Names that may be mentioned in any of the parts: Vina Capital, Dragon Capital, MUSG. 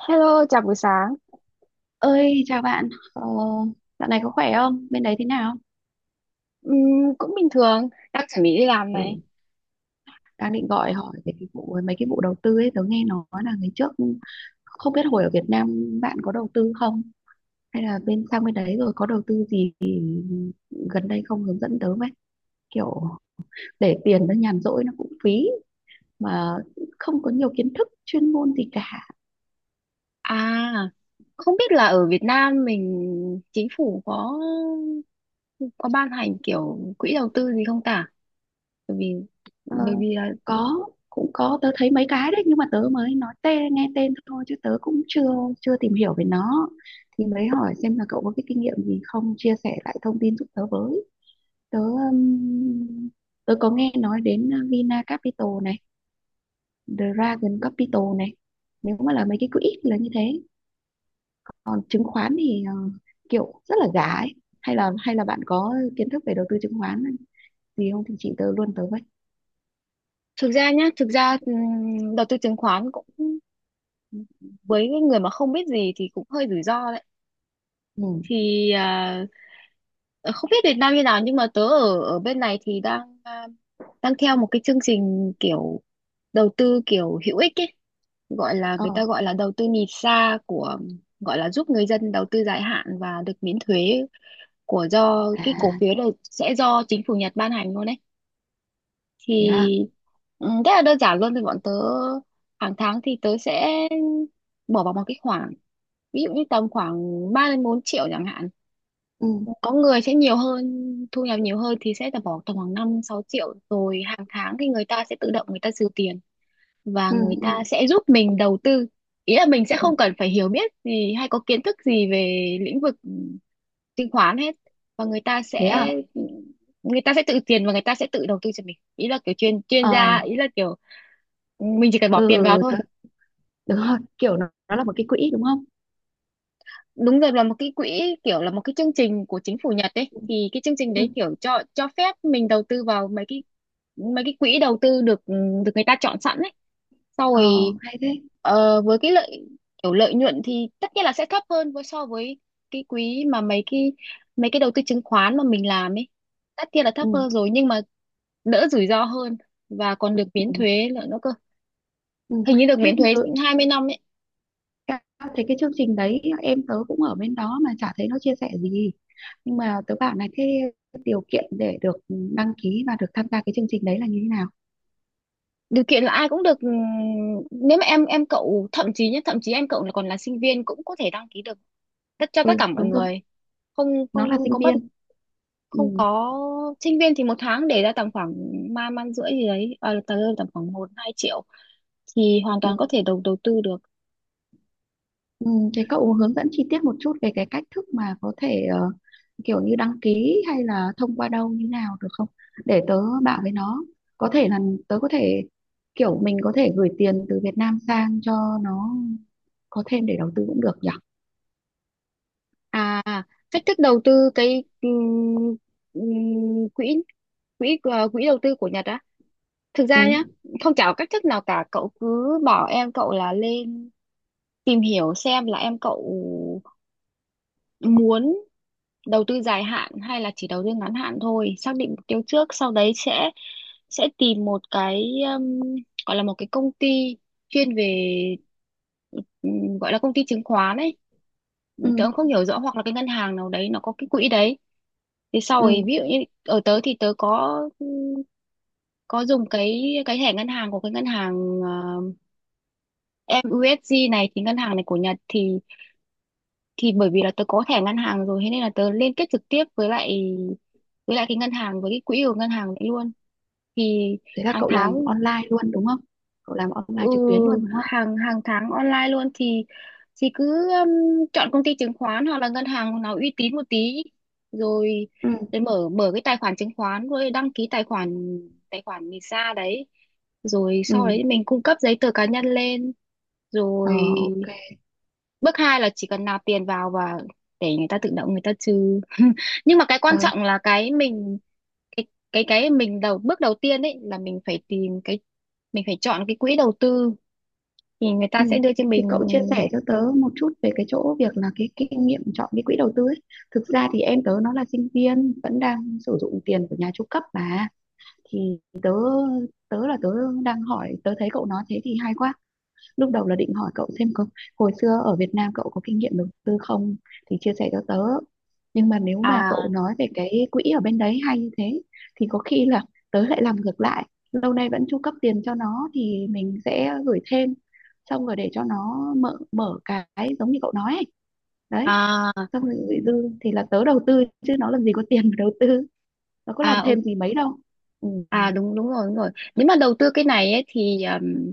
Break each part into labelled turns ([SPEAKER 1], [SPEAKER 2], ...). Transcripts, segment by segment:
[SPEAKER 1] Hello, chào buổi sáng.
[SPEAKER 2] Ơi, chào bạn. Ờ, Dạo này có khỏe không? Bên đấy thế nào?
[SPEAKER 1] Ừm, cũng bình thường, đang chuẩn bị đi làm
[SPEAKER 2] Ừ,
[SPEAKER 1] này.
[SPEAKER 2] đang định gọi hỏi về cái vụ mấy cái vụ đầu tư ấy, tớ nghe nói là ngày trước không biết hồi ở Việt Nam bạn có đầu tư không? Hay là sang bên đấy rồi có đầu tư gì thì gần đây không hướng dẫn tớ với. Kiểu để tiền nó nhàn rỗi nó cũng phí mà không có nhiều kiến thức chuyên môn gì cả.
[SPEAKER 1] À, không biết là ở Việt Nam mình chính phủ có ban hành kiểu quỹ đầu tư gì không ta? Bởi vì
[SPEAKER 2] Ờ,
[SPEAKER 1] bởi vì là
[SPEAKER 2] có, cũng có, tớ thấy mấy cái đấy nhưng mà tớ mới nói tên nghe tên thôi chứ tớ cũng chưa chưa tìm hiểu về nó, thì mới hỏi xem là cậu có cái kinh nghiệm gì không chia sẻ lại thông tin giúp tớ với. Tớ Tớ có nghe nói đến Vina Capital này, Dragon Capital này, nếu mà là mấy cái quỹ thì là như thế. Còn chứng khoán thì kiểu rất là giá ấy. Hay là bạn có kiến thức về đầu tư chứng khoán gì không thì chị tớ luôn tớ với.
[SPEAKER 1] thực ra nhá, thực ra đầu tư chứng khoán cũng với cái người mà không biết gì thì cũng hơi rủi ro đấy.
[SPEAKER 2] Ừ.
[SPEAKER 1] Thì à, ờ, không biết Việt Nam như nào nhưng mà tớ ở ở bên này thì đang theo một cái chương trình kiểu đầu tư kiểu hữu ích ấy, gọi là
[SPEAKER 2] Ờ.
[SPEAKER 1] người ta gọi là đầu tư nhìn xa của, gọi là giúp người dân đầu tư dài hạn và được miễn thuế của, do cái cổ
[SPEAKER 2] À.
[SPEAKER 1] phiếu này sẽ do chính phủ Nhật ban hành luôn đấy.
[SPEAKER 2] Thế à.
[SPEAKER 1] Thì ừ, rất là đơn giản luôn. Thì bọn tớ hàng tháng thì tớ sẽ bỏ vào một cái khoản, ví dụ như tầm khoảng 3 đến 4 triệu chẳng hạn.
[SPEAKER 2] Ừ.
[SPEAKER 1] Có người sẽ nhiều hơn, thu nhập nhiều hơn thì sẽ là bỏ tầm khoảng 5 6 triệu. Rồi hàng tháng thì người ta sẽ tự động người ta trừ tiền, và
[SPEAKER 2] Ừ.
[SPEAKER 1] người
[SPEAKER 2] Ừ.
[SPEAKER 1] ta sẽ giúp mình đầu tư. Ý là mình sẽ
[SPEAKER 2] Ừ.
[SPEAKER 1] không cần phải hiểu biết gì hay có kiến thức gì về lĩnh vực chứng khoán hết, và người ta
[SPEAKER 2] Thế à.
[SPEAKER 1] sẽ người ta sẽ tự tiền và người ta sẽ tự đầu tư cho mình. Ý là kiểu chuyên chuyên gia,
[SPEAKER 2] Ờ.
[SPEAKER 1] ý là kiểu mình chỉ cần bỏ
[SPEAKER 2] Ừ.
[SPEAKER 1] tiền vào
[SPEAKER 2] Ừ,
[SPEAKER 1] thôi.
[SPEAKER 2] tớ, đúng rồi, kiểu nó là một cái quỹ đúng không.
[SPEAKER 1] Đúng rồi, là một cái quỹ, kiểu là một cái chương trình của chính phủ Nhật ấy.
[SPEAKER 2] Ừ.
[SPEAKER 1] Thì cái chương trình
[SPEAKER 2] Ừ.
[SPEAKER 1] đấy kiểu cho phép mình đầu tư vào mấy cái quỹ đầu tư được được người ta chọn sẵn ấy. Sau
[SPEAKER 2] Ờ,
[SPEAKER 1] rồi
[SPEAKER 2] hay thế.
[SPEAKER 1] ờ, với cái lợi, kiểu lợi nhuận thì tất nhiên là sẽ thấp hơn với so với cái quỹ mà mấy cái đầu tư chứng khoán mà mình làm ấy. Tất nhiên là thấp
[SPEAKER 2] Ừ.
[SPEAKER 1] hơn rồi, nhưng mà đỡ rủi ro hơn, và còn được
[SPEAKER 2] Ừ.
[SPEAKER 1] miễn thuế nữa cơ.
[SPEAKER 2] Ừ.
[SPEAKER 1] Hình như được
[SPEAKER 2] Thế
[SPEAKER 1] miễn thuế
[SPEAKER 2] đ-
[SPEAKER 1] 20 năm ấy.
[SPEAKER 2] ca- thấy cái chương trình đấy em tớ cũng ở bên đó mà chả thấy nó chia sẻ gì, nhưng mà tớ bảo này, thế điều kiện để được đăng ký và được tham gia cái chương trình đấy là như thế nào?
[SPEAKER 1] Điều kiện là ai cũng được, nếu mà em cậu, thậm chí nhé, thậm chí em cậu là còn là sinh viên cũng có thể đăng ký được. Tất cho tất
[SPEAKER 2] Ừ
[SPEAKER 1] cả mọi
[SPEAKER 2] đúng rồi,
[SPEAKER 1] người, không
[SPEAKER 2] nó
[SPEAKER 1] không,
[SPEAKER 2] là
[SPEAKER 1] không
[SPEAKER 2] sinh
[SPEAKER 1] có bất
[SPEAKER 2] viên.
[SPEAKER 1] không
[SPEAKER 2] Ừ.
[SPEAKER 1] có. Sinh viên thì một tháng để ra tầm khoảng ba man rưỡi gì đấy, à, tầm tầm khoảng 1 2 triệu thì hoàn toàn có
[SPEAKER 2] Ừ.
[SPEAKER 1] thể đầu đầu tư được.
[SPEAKER 2] Ừ, thế cậu hướng dẫn chi tiết một chút về cái cách thức mà có thể kiểu như đăng ký hay là thông qua đâu như nào được không? Để tớ bảo với nó. Có thể là tớ có thể kiểu mình có thể gửi tiền từ Việt Nam sang cho nó có thêm để đầu tư cũng được nhỉ?
[SPEAKER 1] À, cách thức đầu tư cái quỹ quỹ ờ, quỹ đầu tư của Nhật á, thực ra nhá,
[SPEAKER 2] Ừ.
[SPEAKER 1] không, chả có cách thức nào cả. Cậu cứ bảo em cậu là lên tìm hiểu xem là em cậu muốn đầu tư dài hạn hay là chỉ đầu tư ngắn hạn thôi, xác định mục tiêu trước, sau đấy sẽ tìm một cái um, gọi là một cái công ty chuyên về gọi là công ty chứng khoán ấy.
[SPEAKER 2] Ừ.
[SPEAKER 1] Tớ cũng không hiểu rõ, hoặc là cái ngân hàng nào đấy nó có cái quỹ đấy. Thì sau ấy,
[SPEAKER 2] Ừ.
[SPEAKER 1] ví dụ như ở tớ thì tớ có dùng cái thẻ ngân hàng của cái ngân hàng MUSG này. Thì ngân hàng này của Nhật, thì bởi vì là tớ có thẻ ngân hàng rồi, thế nên là tớ liên kết trực tiếp với lại cái ngân hàng với cái quỹ của ngân hàng đấy luôn. Thì
[SPEAKER 2] Thế là
[SPEAKER 1] hàng
[SPEAKER 2] cậu làm
[SPEAKER 1] tháng,
[SPEAKER 2] online luôn đúng không? Cậu làm
[SPEAKER 1] ừ,
[SPEAKER 2] online trực tuyến luôn đúng không?
[SPEAKER 1] hàng hàng tháng online luôn. Thì cứ chọn công ty chứng khoán hoặc là ngân hàng nào uy tín một tí, rồi
[SPEAKER 2] Ừ.
[SPEAKER 1] rồi mở mở cái tài khoản chứng khoán, rồi đăng ký tài khoản, visa đấy, rồi sau
[SPEAKER 2] Ừ.
[SPEAKER 1] đấy mình cung cấp giấy tờ cá nhân lên.
[SPEAKER 2] Ờ,
[SPEAKER 1] Rồi
[SPEAKER 2] ok.
[SPEAKER 1] bước hai là chỉ cần nạp tiền vào và để người ta tự động người ta trừ. Nhưng mà cái
[SPEAKER 2] Ờ.
[SPEAKER 1] quan trọng là cái cái mình bước đầu tiên ấy, là mình phải tìm cái, mình phải chọn cái quỹ đầu tư thì người ta
[SPEAKER 2] Ừ.
[SPEAKER 1] sẽ đưa cho
[SPEAKER 2] Thì
[SPEAKER 1] mình.
[SPEAKER 2] cậu chia sẻ cho tớ một chút về cái chỗ việc là cái kinh nghiệm chọn cái quỹ đầu tư ấy. Thực ra thì em tớ nó là sinh viên vẫn đang sử dụng tiền của nhà chu cấp mà, thì tớ tớ là tớ đang hỏi, tớ thấy cậu nói thế thì hay quá. Lúc đầu là định hỏi cậu xem có hồi xưa ở Việt Nam cậu có kinh nghiệm đầu tư không thì chia sẻ cho tớ, nhưng mà nếu mà
[SPEAKER 1] À,
[SPEAKER 2] cậu nói về cái quỹ ở bên đấy hay như thế thì có khi là tớ lại làm ngược lại, lâu nay vẫn chu cấp tiền cho nó thì mình sẽ gửi thêm, xong rồi để cho nó mở mở cái giống như cậu nói ấy. Đấy,
[SPEAKER 1] à,
[SPEAKER 2] xong rồi gửi dư thì là tớ đầu tư chứ nó làm gì có tiền mà đầu tư, nó có
[SPEAKER 1] à,
[SPEAKER 2] làm thêm gì mấy đâu. Ừ.
[SPEAKER 1] à, đúng đúng rồi, đúng rồi. Nếu mà đầu tư cái này ấy thì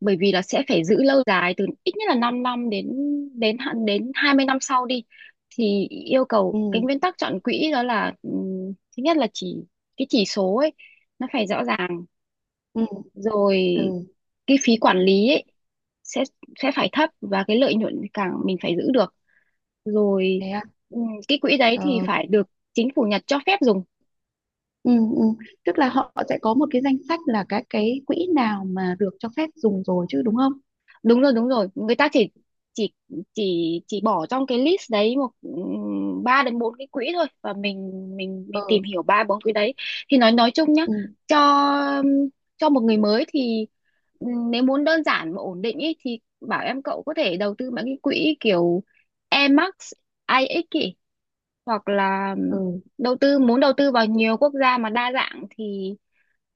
[SPEAKER 1] bởi vì là sẽ phải giữ lâu dài, từ ít nhất là 5 năm đến đến hạn, đến 20 năm sau đi. Thì yêu cầu
[SPEAKER 2] Ừ.
[SPEAKER 1] cái nguyên tắc chọn quỹ đó là thứ nhất là cái chỉ số ấy nó phải rõ ràng,
[SPEAKER 2] Ừ.
[SPEAKER 1] rồi
[SPEAKER 2] Ừ.
[SPEAKER 1] cái phí quản lý ấy sẽ sẽ phải thấp, và cái lợi nhuận càng mình phải giữ được, rồi
[SPEAKER 2] Thế à?
[SPEAKER 1] cái quỹ đấy thì
[SPEAKER 2] Ờ.
[SPEAKER 1] phải được chính phủ Nhật cho phép dùng.
[SPEAKER 2] Ừ. Ừ. Tức là họ sẽ có một cái danh sách là các cái quỹ nào mà được cho phép dùng rồi chứ đúng không?
[SPEAKER 1] Đúng rồi, đúng rồi, người ta chỉ chỉ chỉ bỏ trong cái list đấy một ba đến bốn cái quỹ thôi, và mình
[SPEAKER 2] Ừ.
[SPEAKER 1] tìm hiểu ba bốn quỹ đấy. Thì nói chung nhá,
[SPEAKER 2] Ừ.
[SPEAKER 1] cho ừm, cho một người mới thì nếu muốn đơn giản và ổn định ý, thì bảo em cậu có thể đầu tư mấy cái quỹ kiểu Emax IX ý, hoặc là ừ,
[SPEAKER 2] Ừ.
[SPEAKER 1] đầu tư muốn đầu tư vào nhiều quốc gia mà đa dạng thì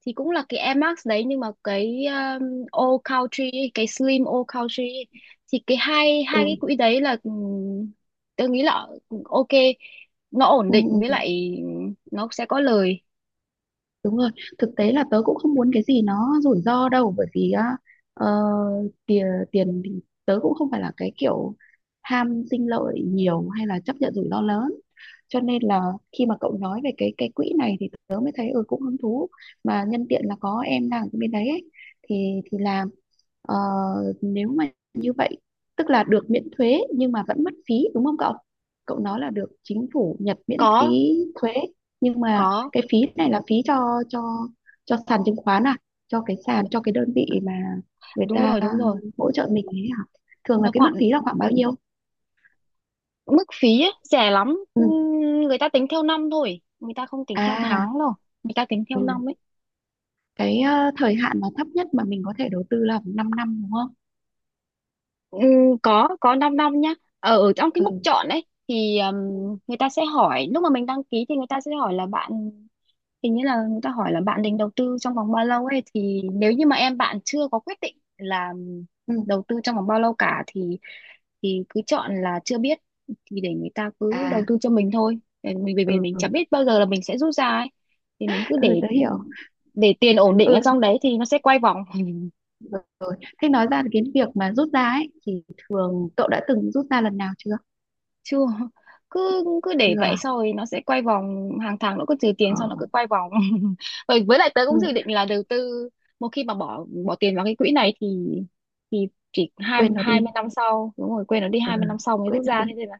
[SPEAKER 1] thì cũng là cái Air Max đấy, nhưng mà cái All Country ấy, cái Slim All Country ấy, thì cái hai hai cái
[SPEAKER 2] Ừ.
[SPEAKER 1] quỹ đấy là tôi nghĩ là ừ, ok, nó ổn
[SPEAKER 2] Ừ.
[SPEAKER 1] định, với
[SPEAKER 2] Ừ.
[SPEAKER 1] lại nó sẽ có lời.
[SPEAKER 2] Đúng rồi, thực tế là tớ cũng không muốn cái gì nó rủi ro đâu bởi vì á, ờ, tiền tiền thì tớ cũng không phải là cái kiểu ham sinh lợi nhiều hay là chấp nhận rủi ro lớn. Cho nên là khi mà cậu nói về cái quỹ này thì tớ mới thấy ừ cũng hứng thú, mà nhân tiện là có em đang ở bên đấy ấy, thì làm. Ờ, Nếu mà như vậy tức là được miễn thuế nhưng mà vẫn mất phí đúng không cậu? Cậu nói là được chính phủ Nhật miễn
[SPEAKER 1] có
[SPEAKER 2] phí thuế, nhưng mà
[SPEAKER 1] có,
[SPEAKER 2] cái phí này là phí cho sàn chứng khoán à, cho cái sàn cho cái đơn vị mà người
[SPEAKER 1] đúng
[SPEAKER 2] ta
[SPEAKER 1] rồi, đúng rồi,
[SPEAKER 2] hỗ trợ mình ấy hả, thường là
[SPEAKER 1] nó
[SPEAKER 2] cái mức
[SPEAKER 1] còn
[SPEAKER 2] phí là khoảng bao nhiêu?
[SPEAKER 1] mức phí ấy, rẻ lắm.
[SPEAKER 2] Ừ.
[SPEAKER 1] Người ta tính theo năm thôi, người ta không tính theo
[SPEAKER 2] À.
[SPEAKER 1] tháng đâu, người ta tính theo
[SPEAKER 2] Ừ.
[SPEAKER 1] năm ấy.
[SPEAKER 2] Cái thời hạn mà thấp nhất mà mình có thể đầu tư là 5 năm năm đúng không.
[SPEAKER 1] Ừ, có, 5 năm nhá. Ờ, ở trong cái
[SPEAKER 2] Ừ.
[SPEAKER 1] mục chọn ấy thì người ta sẽ hỏi, lúc mà mình đăng ký thì người ta sẽ hỏi là bạn, hình như là người ta hỏi là bạn định đầu tư trong vòng bao lâu ấy, thì nếu như mà em bạn chưa có quyết định là
[SPEAKER 2] Ừ.
[SPEAKER 1] đầu tư trong vòng bao lâu cả thì cứ chọn là chưa biết, thì để người ta cứ
[SPEAKER 2] À.
[SPEAKER 1] đầu tư cho mình thôi. Để mình, vì mình,
[SPEAKER 2] Ừ.
[SPEAKER 1] mình chẳng biết bao giờ là mình sẽ rút ra ấy, thì mình cứ
[SPEAKER 2] Ừ
[SPEAKER 1] để
[SPEAKER 2] tớ hiểu.
[SPEAKER 1] tiền ổn định ở
[SPEAKER 2] Ừ
[SPEAKER 1] trong đấy thì nó sẽ quay vòng.
[SPEAKER 2] rồi. Thế nói ra cái việc mà rút ra ấy thì cậu đã từng rút ra lần nào chưa?
[SPEAKER 1] Chưa, cứ cứ để
[SPEAKER 2] Chưa
[SPEAKER 1] vậy,
[SPEAKER 2] à?
[SPEAKER 1] sau rồi nó sẽ quay vòng, hàng tháng nó cứ trừ tiền
[SPEAKER 2] Ờ.
[SPEAKER 1] xong nó cứ quay vòng. Rồi với lại tớ
[SPEAKER 2] Ừ.
[SPEAKER 1] cũng dự định là đầu tư, một khi mà bỏ bỏ tiền vào cái quỹ này thì thì chỉ, hai
[SPEAKER 2] Quên nó
[SPEAKER 1] hai mươi
[SPEAKER 2] đi.
[SPEAKER 1] năm sau, đúng rồi, quên nó đi,
[SPEAKER 2] Ừ.
[SPEAKER 1] 20 năm sau mới
[SPEAKER 2] Quên
[SPEAKER 1] rút
[SPEAKER 2] nó
[SPEAKER 1] ra,
[SPEAKER 2] đi.
[SPEAKER 1] thế nên là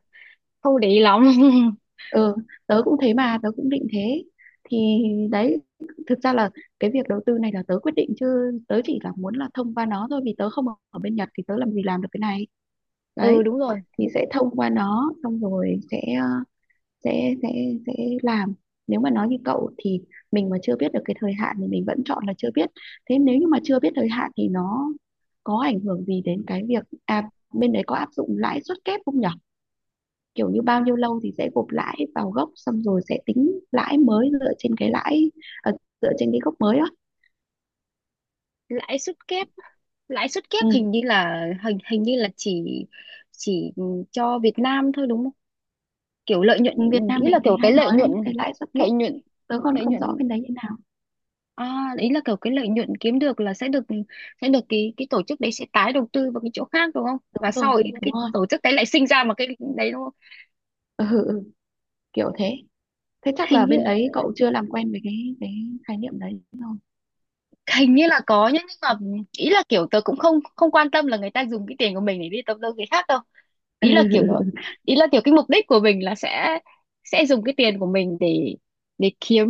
[SPEAKER 1] không để ý lắm.
[SPEAKER 2] Ừ tớ cũng thế, mà tớ cũng định thế, thì đấy, thực ra là cái việc đầu tư này là tớ quyết định chứ, tớ chỉ là muốn là thông qua nó thôi vì tớ không ở ở bên Nhật thì tớ làm gì làm được cái này. Đấy,
[SPEAKER 1] Ừ đúng rồi.
[SPEAKER 2] thì sẽ thông qua nó, xong rồi sẽ sẽ sẽ sẽ làm. Nếu mà nói như cậu thì mình mà chưa biết được cái thời hạn thì mình vẫn chọn là chưa biết. Thế nếu như mà chưa biết thời hạn thì nó có ảnh hưởng gì đến cái việc à bên đấy có áp dụng lãi suất kép không nhỉ, kiểu như bao nhiêu lâu thì sẽ gộp lãi vào gốc xong rồi sẽ tính lãi mới dựa trên cái lãi, ờ, dựa trên cái gốc mới đó.
[SPEAKER 1] Lãi suất kép,
[SPEAKER 2] Ừ.
[SPEAKER 1] hình như là hình hình như là chỉ cho Việt Nam thôi đúng không? Kiểu lợi nhuận,
[SPEAKER 2] Ừ, Việt Nam
[SPEAKER 1] kỹ
[SPEAKER 2] mình
[SPEAKER 1] là kiểu
[SPEAKER 2] thì
[SPEAKER 1] cái
[SPEAKER 2] hay
[SPEAKER 1] lợi
[SPEAKER 2] nói là
[SPEAKER 1] nhuận,
[SPEAKER 2] những cái lãi suất kép,
[SPEAKER 1] lợi nhuận
[SPEAKER 2] tớ còn
[SPEAKER 1] lợi
[SPEAKER 2] không
[SPEAKER 1] nhuận.
[SPEAKER 2] rõ bên đấy như nào.
[SPEAKER 1] À, ý là kiểu cái lợi nhuận kiếm được là sẽ được, cái tổ chức đấy sẽ tái đầu tư vào cái chỗ khác đúng không?
[SPEAKER 2] Đúng
[SPEAKER 1] Và
[SPEAKER 2] rồi,
[SPEAKER 1] sau ấy
[SPEAKER 2] đúng
[SPEAKER 1] cái
[SPEAKER 2] rồi.
[SPEAKER 1] tổ chức đấy lại sinh ra một cái đấy đúng không?
[SPEAKER 2] Ừ. Ừ. Ừ, kiểu thế. Thế chắc là
[SPEAKER 1] Hình như
[SPEAKER 2] bên đấy cậu chưa làm quen với cái khái niệm đấy rồi.
[SPEAKER 1] Hình như là có nhá, nhưng mà ý là kiểu tớ cũng không không quan tâm là người ta dùng cái tiền của mình để đi đầu tư cái khác đâu. Ý là kiểu là ý là kiểu cái mục đích của mình là sẽ, dùng cái tiền của mình để, kiếm,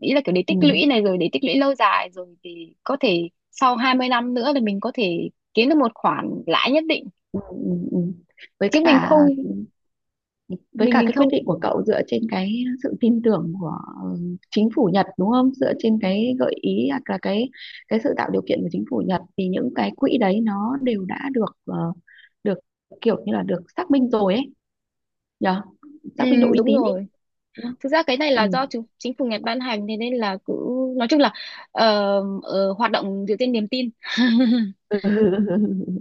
[SPEAKER 1] ý là kiểu để tích lũy
[SPEAKER 2] Ừ.
[SPEAKER 1] này, rồi để tích lũy lâu dài rồi thì có thể sau 20 năm nữa thì mình có thể kiếm được một khoản lãi nhất định,
[SPEAKER 2] Ừ. Ừ. Với
[SPEAKER 1] chứ mình
[SPEAKER 2] cả,
[SPEAKER 1] không
[SPEAKER 2] với
[SPEAKER 1] mình
[SPEAKER 2] cả
[SPEAKER 1] mình
[SPEAKER 2] cái quyết
[SPEAKER 1] không,
[SPEAKER 2] định của cậu dựa trên cái sự tin tưởng của chính phủ Nhật đúng không? Dựa trên cái gợi ý hoặc là cái sự tạo điều kiện của chính phủ Nhật, thì những cái quỹ đấy nó đều đã được được kiểu như là được xác minh rồi ấy, nhờ
[SPEAKER 1] ừ,
[SPEAKER 2] xác minh độ uy
[SPEAKER 1] đúng
[SPEAKER 2] tín ấy,
[SPEAKER 1] rồi.
[SPEAKER 2] đúng không?
[SPEAKER 1] Thực ra cái này là do
[SPEAKER 2] Ừ.
[SPEAKER 1] chính chính phủ Nhật ban hành, thế nên là cứ, nói chung là ờ, hoạt động dựa trên niềm tin.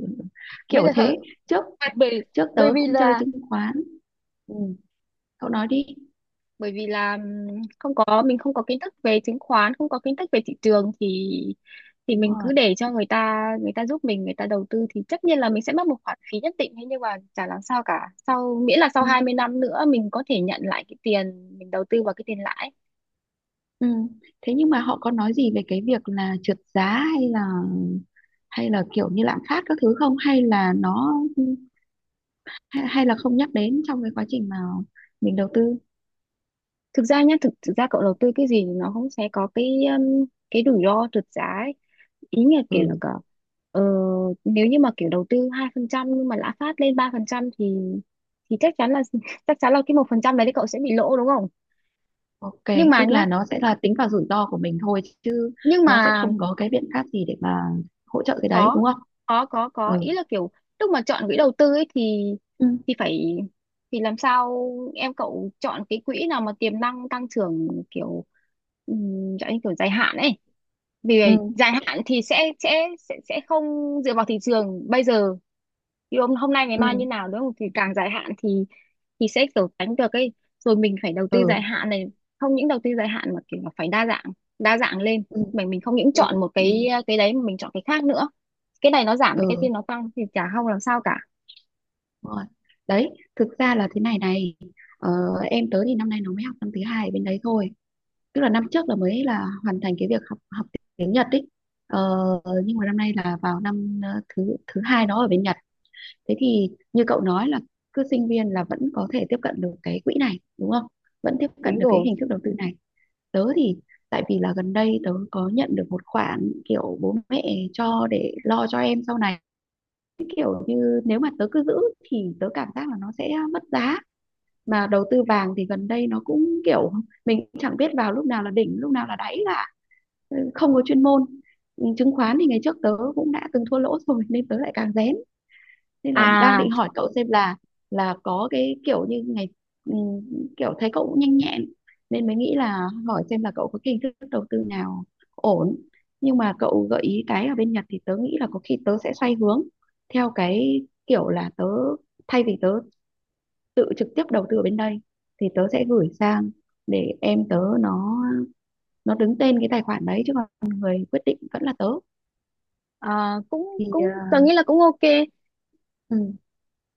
[SPEAKER 1] Bây
[SPEAKER 2] Kiểu
[SPEAKER 1] giờ
[SPEAKER 2] thế. trước
[SPEAKER 1] bởi
[SPEAKER 2] trước
[SPEAKER 1] bởi
[SPEAKER 2] tớ
[SPEAKER 1] vì
[SPEAKER 2] cũng chơi
[SPEAKER 1] là
[SPEAKER 2] chứng khoán. Ừ. Cậu nói đi.
[SPEAKER 1] bởi vì là không có mình không có kiến thức về chứng khoán, không có kiến thức về thị trường thì
[SPEAKER 2] Đúng
[SPEAKER 1] mình cứ
[SPEAKER 2] rồi.
[SPEAKER 1] để cho người ta, người ta giúp mình, người ta đầu tư, thì tất nhiên là mình sẽ mất một khoản phí nhất định, thế nhưng mà chả làm sao cả, sau miễn là sau
[SPEAKER 2] Ừ.
[SPEAKER 1] 20 năm nữa mình có thể nhận lại cái tiền mình đầu tư vào, cái tiền lãi.
[SPEAKER 2] Ừ. Thế nhưng mà họ có nói gì về cái việc là trượt giá hay là, hay là kiểu như lạm phát các thứ không, hay là nó, hay là không nhắc đến trong cái quá trình mà mình đầu tư.
[SPEAKER 1] Thực ra nhá, thực thực ra cậu đầu tư cái gì thì nó cũng sẽ có um, cái rủi ro trượt giá ấy. Ý là kiểu là
[SPEAKER 2] Ừ.
[SPEAKER 1] cả ờ, nếu như mà kiểu đầu tư 2% nhưng mà lạm phát lên 3% thì chắc chắn là, chắc chắn là cái 1% đấy thì cậu sẽ bị lỗ đúng không?
[SPEAKER 2] Ok,
[SPEAKER 1] Nhưng mà
[SPEAKER 2] tức
[SPEAKER 1] nhá,
[SPEAKER 2] là nó sẽ là tính vào rủi ro của mình thôi chứ,
[SPEAKER 1] nhưng
[SPEAKER 2] nó sẽ
[SPEAKER 1] mà
[SPEAKER 2] không có cái biện pháp gì để mà hỗ trợ cái đấy
[SPEAKER 1] có
[SPEAKER 2] đúng không?
[SPEAKER 1] có,
[SPEAKER 2] Ừ.
[SPEAKER 1] ý là kiểu lúc mà chọn quỹ đầu tư ấy thì
[SPEAKER 2] Ừ.
[SPEAKER 1] phải, thì làm sao em cậu chọn cái quỹ nào mà tiềm năng tăng trưởng kiểu um, kiểu dài hạn ấy, vì vậy
[SPEAKER 2] Ừ.
[SPEAKER 1] dài hạn thì sẽ không dựa vào thị trường bây giờ thì hôm hôm nay ngày mai như
[SPEAKER 2] Ừ.
[SPEAKER 1] nào đúng không, thì càng dài hạn thì sẽ kiểu tránh được ấy, rồi mình phải đầu tư dài
[SPEAKER 2] Ừ.
[SPEAKER 1] hạn này, không những đầu tư dài hạn mà kiểu là phải đa dạng, đa dạng lên,
[SPEAKER 2] Ừ.
[SPEAKER 1] mình không những
[SPEAKER 2] Ừ.
[SPEAKER 1] chọn một cái đấy mà mình chọn cái khác nữa, cái này nó giảm thì cái kia
[SPEAKER 2] Ừ.
[SPEAKER 1] nó tăng thì chả không làm sao cả.
[SPEAKER 2] Đúng rồi, đấy, thực ra là thế này này, ờ, em tớ thì năm nay nó mới học năm thứ hai ở bên đấy thôi, tức là năm trước là mới là hoàn thành cái việc học học tiếng Nhật ấy, ờ, nhưng mà năm nay là vào năm ờ, thứ thứ hai đó ở bên Nhật. Thế thì như cậu nói là cứ sinh viên là vẫn có thể tiếp cận được cái quỹ này đúng không, vẫn tiếp cận
[SPEAKER 1] Đúng
[SPEAKER 2] được cái
[SPEAKER 1] rồi,
[SPEAKER 2] hình thức đầu tư này. Tớ thì tại vì là gần đây tớ có nhận được một khoản kiểu bố mẹ cho để lo cho em sau này, như nếu mà tớ cứ giữ thì tớ cảm giác là nó sẽ mất giá, mà đầu tư vàng thì gần đây nó cũng kiểu mình chẳng biết vào lúc nào là đỉnh lúc nào là đáy cả. Ừ, không có chuyên môn. Ừ, chứng khoán thì ngày trước tớ cũng đã từng thua lỗ rồi nên tớ lại càng rén, nên là đang
[SPEAKER 1] à,
[SPEAKER 2] định hỏi cậu xem là có cái kiểu như ngày, ừ, kiểu thấy cậu cũng nhanh nhẹn nên mới nghĩ là hỏi xem là cậu có cái hình thức đầu tư nào ổn, nhưng mà cậu gợi ý cái ở bên Nhật thì tớ nghĩ là có khi tớ sẽ xoay hướng theo cái kiểu là tớ, thay vì tớ tự trực tiếp đầu tư ở bên đây thì tớ sẽ gửi sang để em tớ nó đứng tên cái tài khoản đấy chứ, còn người quyết định vẫn là tớ.
[SPEAKER 1] à cũng
[SPEAKER 2] Thì
[SPEAKER 1] cũng tôi nghĩ là cũng ok.
[SPEAKER 2] ừ,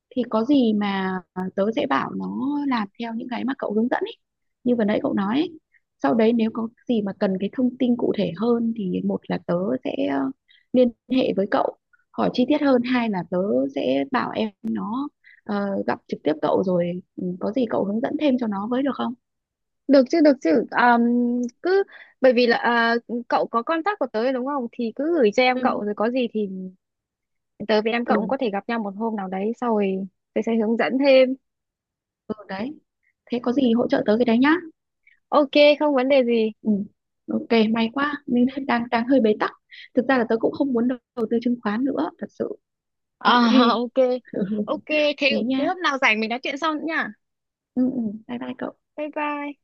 [SPEAKER 2] thì có gì mà tớ sẽ bảo nó làm theo những cái mà cậu hướng dẫn ấy, như vừa nãy cậu nói ấy. Sau đấy nếu có gì mà cần cái thông tin cụ thể hơn thì một là tớ sẽ liên hệ với cậu hỏi chi tiết hơn, hai là tớ sẽ bảo em nó gặp trực tiếp cậu rồi có gì cậu hướng dẫn thêm cho nó với được không.
[SPEAKER 1] Được chứ, được chứ. Cứ, bởi vì là à, cậu có contact của tớ rồi đúng không? Thì cứ gửi cho em
[SPEAKER 2] Ừ.
[SPEAKER 1] cậu, rồi có gì thì tớ với em cậu cũng
[SPEAKER 2] Ừ.
[SPEAKER 1] có thể gặp nhau một hôm nào đấy, sau rồi tớ sẽ hướng dẫn thêm.
[SPEAKER 2] Ừ đấy, thế có gì hỗ trợ tớ cái đấy nhá.
[SPEAKER 1] Ok, không vấn đề gì.
[SPEAKER 2] Ừ. Ok, may quá, mình đang đang đang hơi bế tắc. Thực ra là tớ cũng không muốn đầu đầu tư chứng khoán nữa, thật sự.
[SPEAKER 1] À,
[SPEAKER 2] Ok.
[SPEAKER 1] ok. Ok, thế
[SPEAKER 2] Thế
[SPEAKER 1] thế
[SPEAKER 2] nha.
[SPEAKER 1] hôm nào rảnh mình nói chuyện sau nữa nha.
[SPEAKER 2] Ừ, bye bye cậu.
[SPEAKER 1] Bye bye.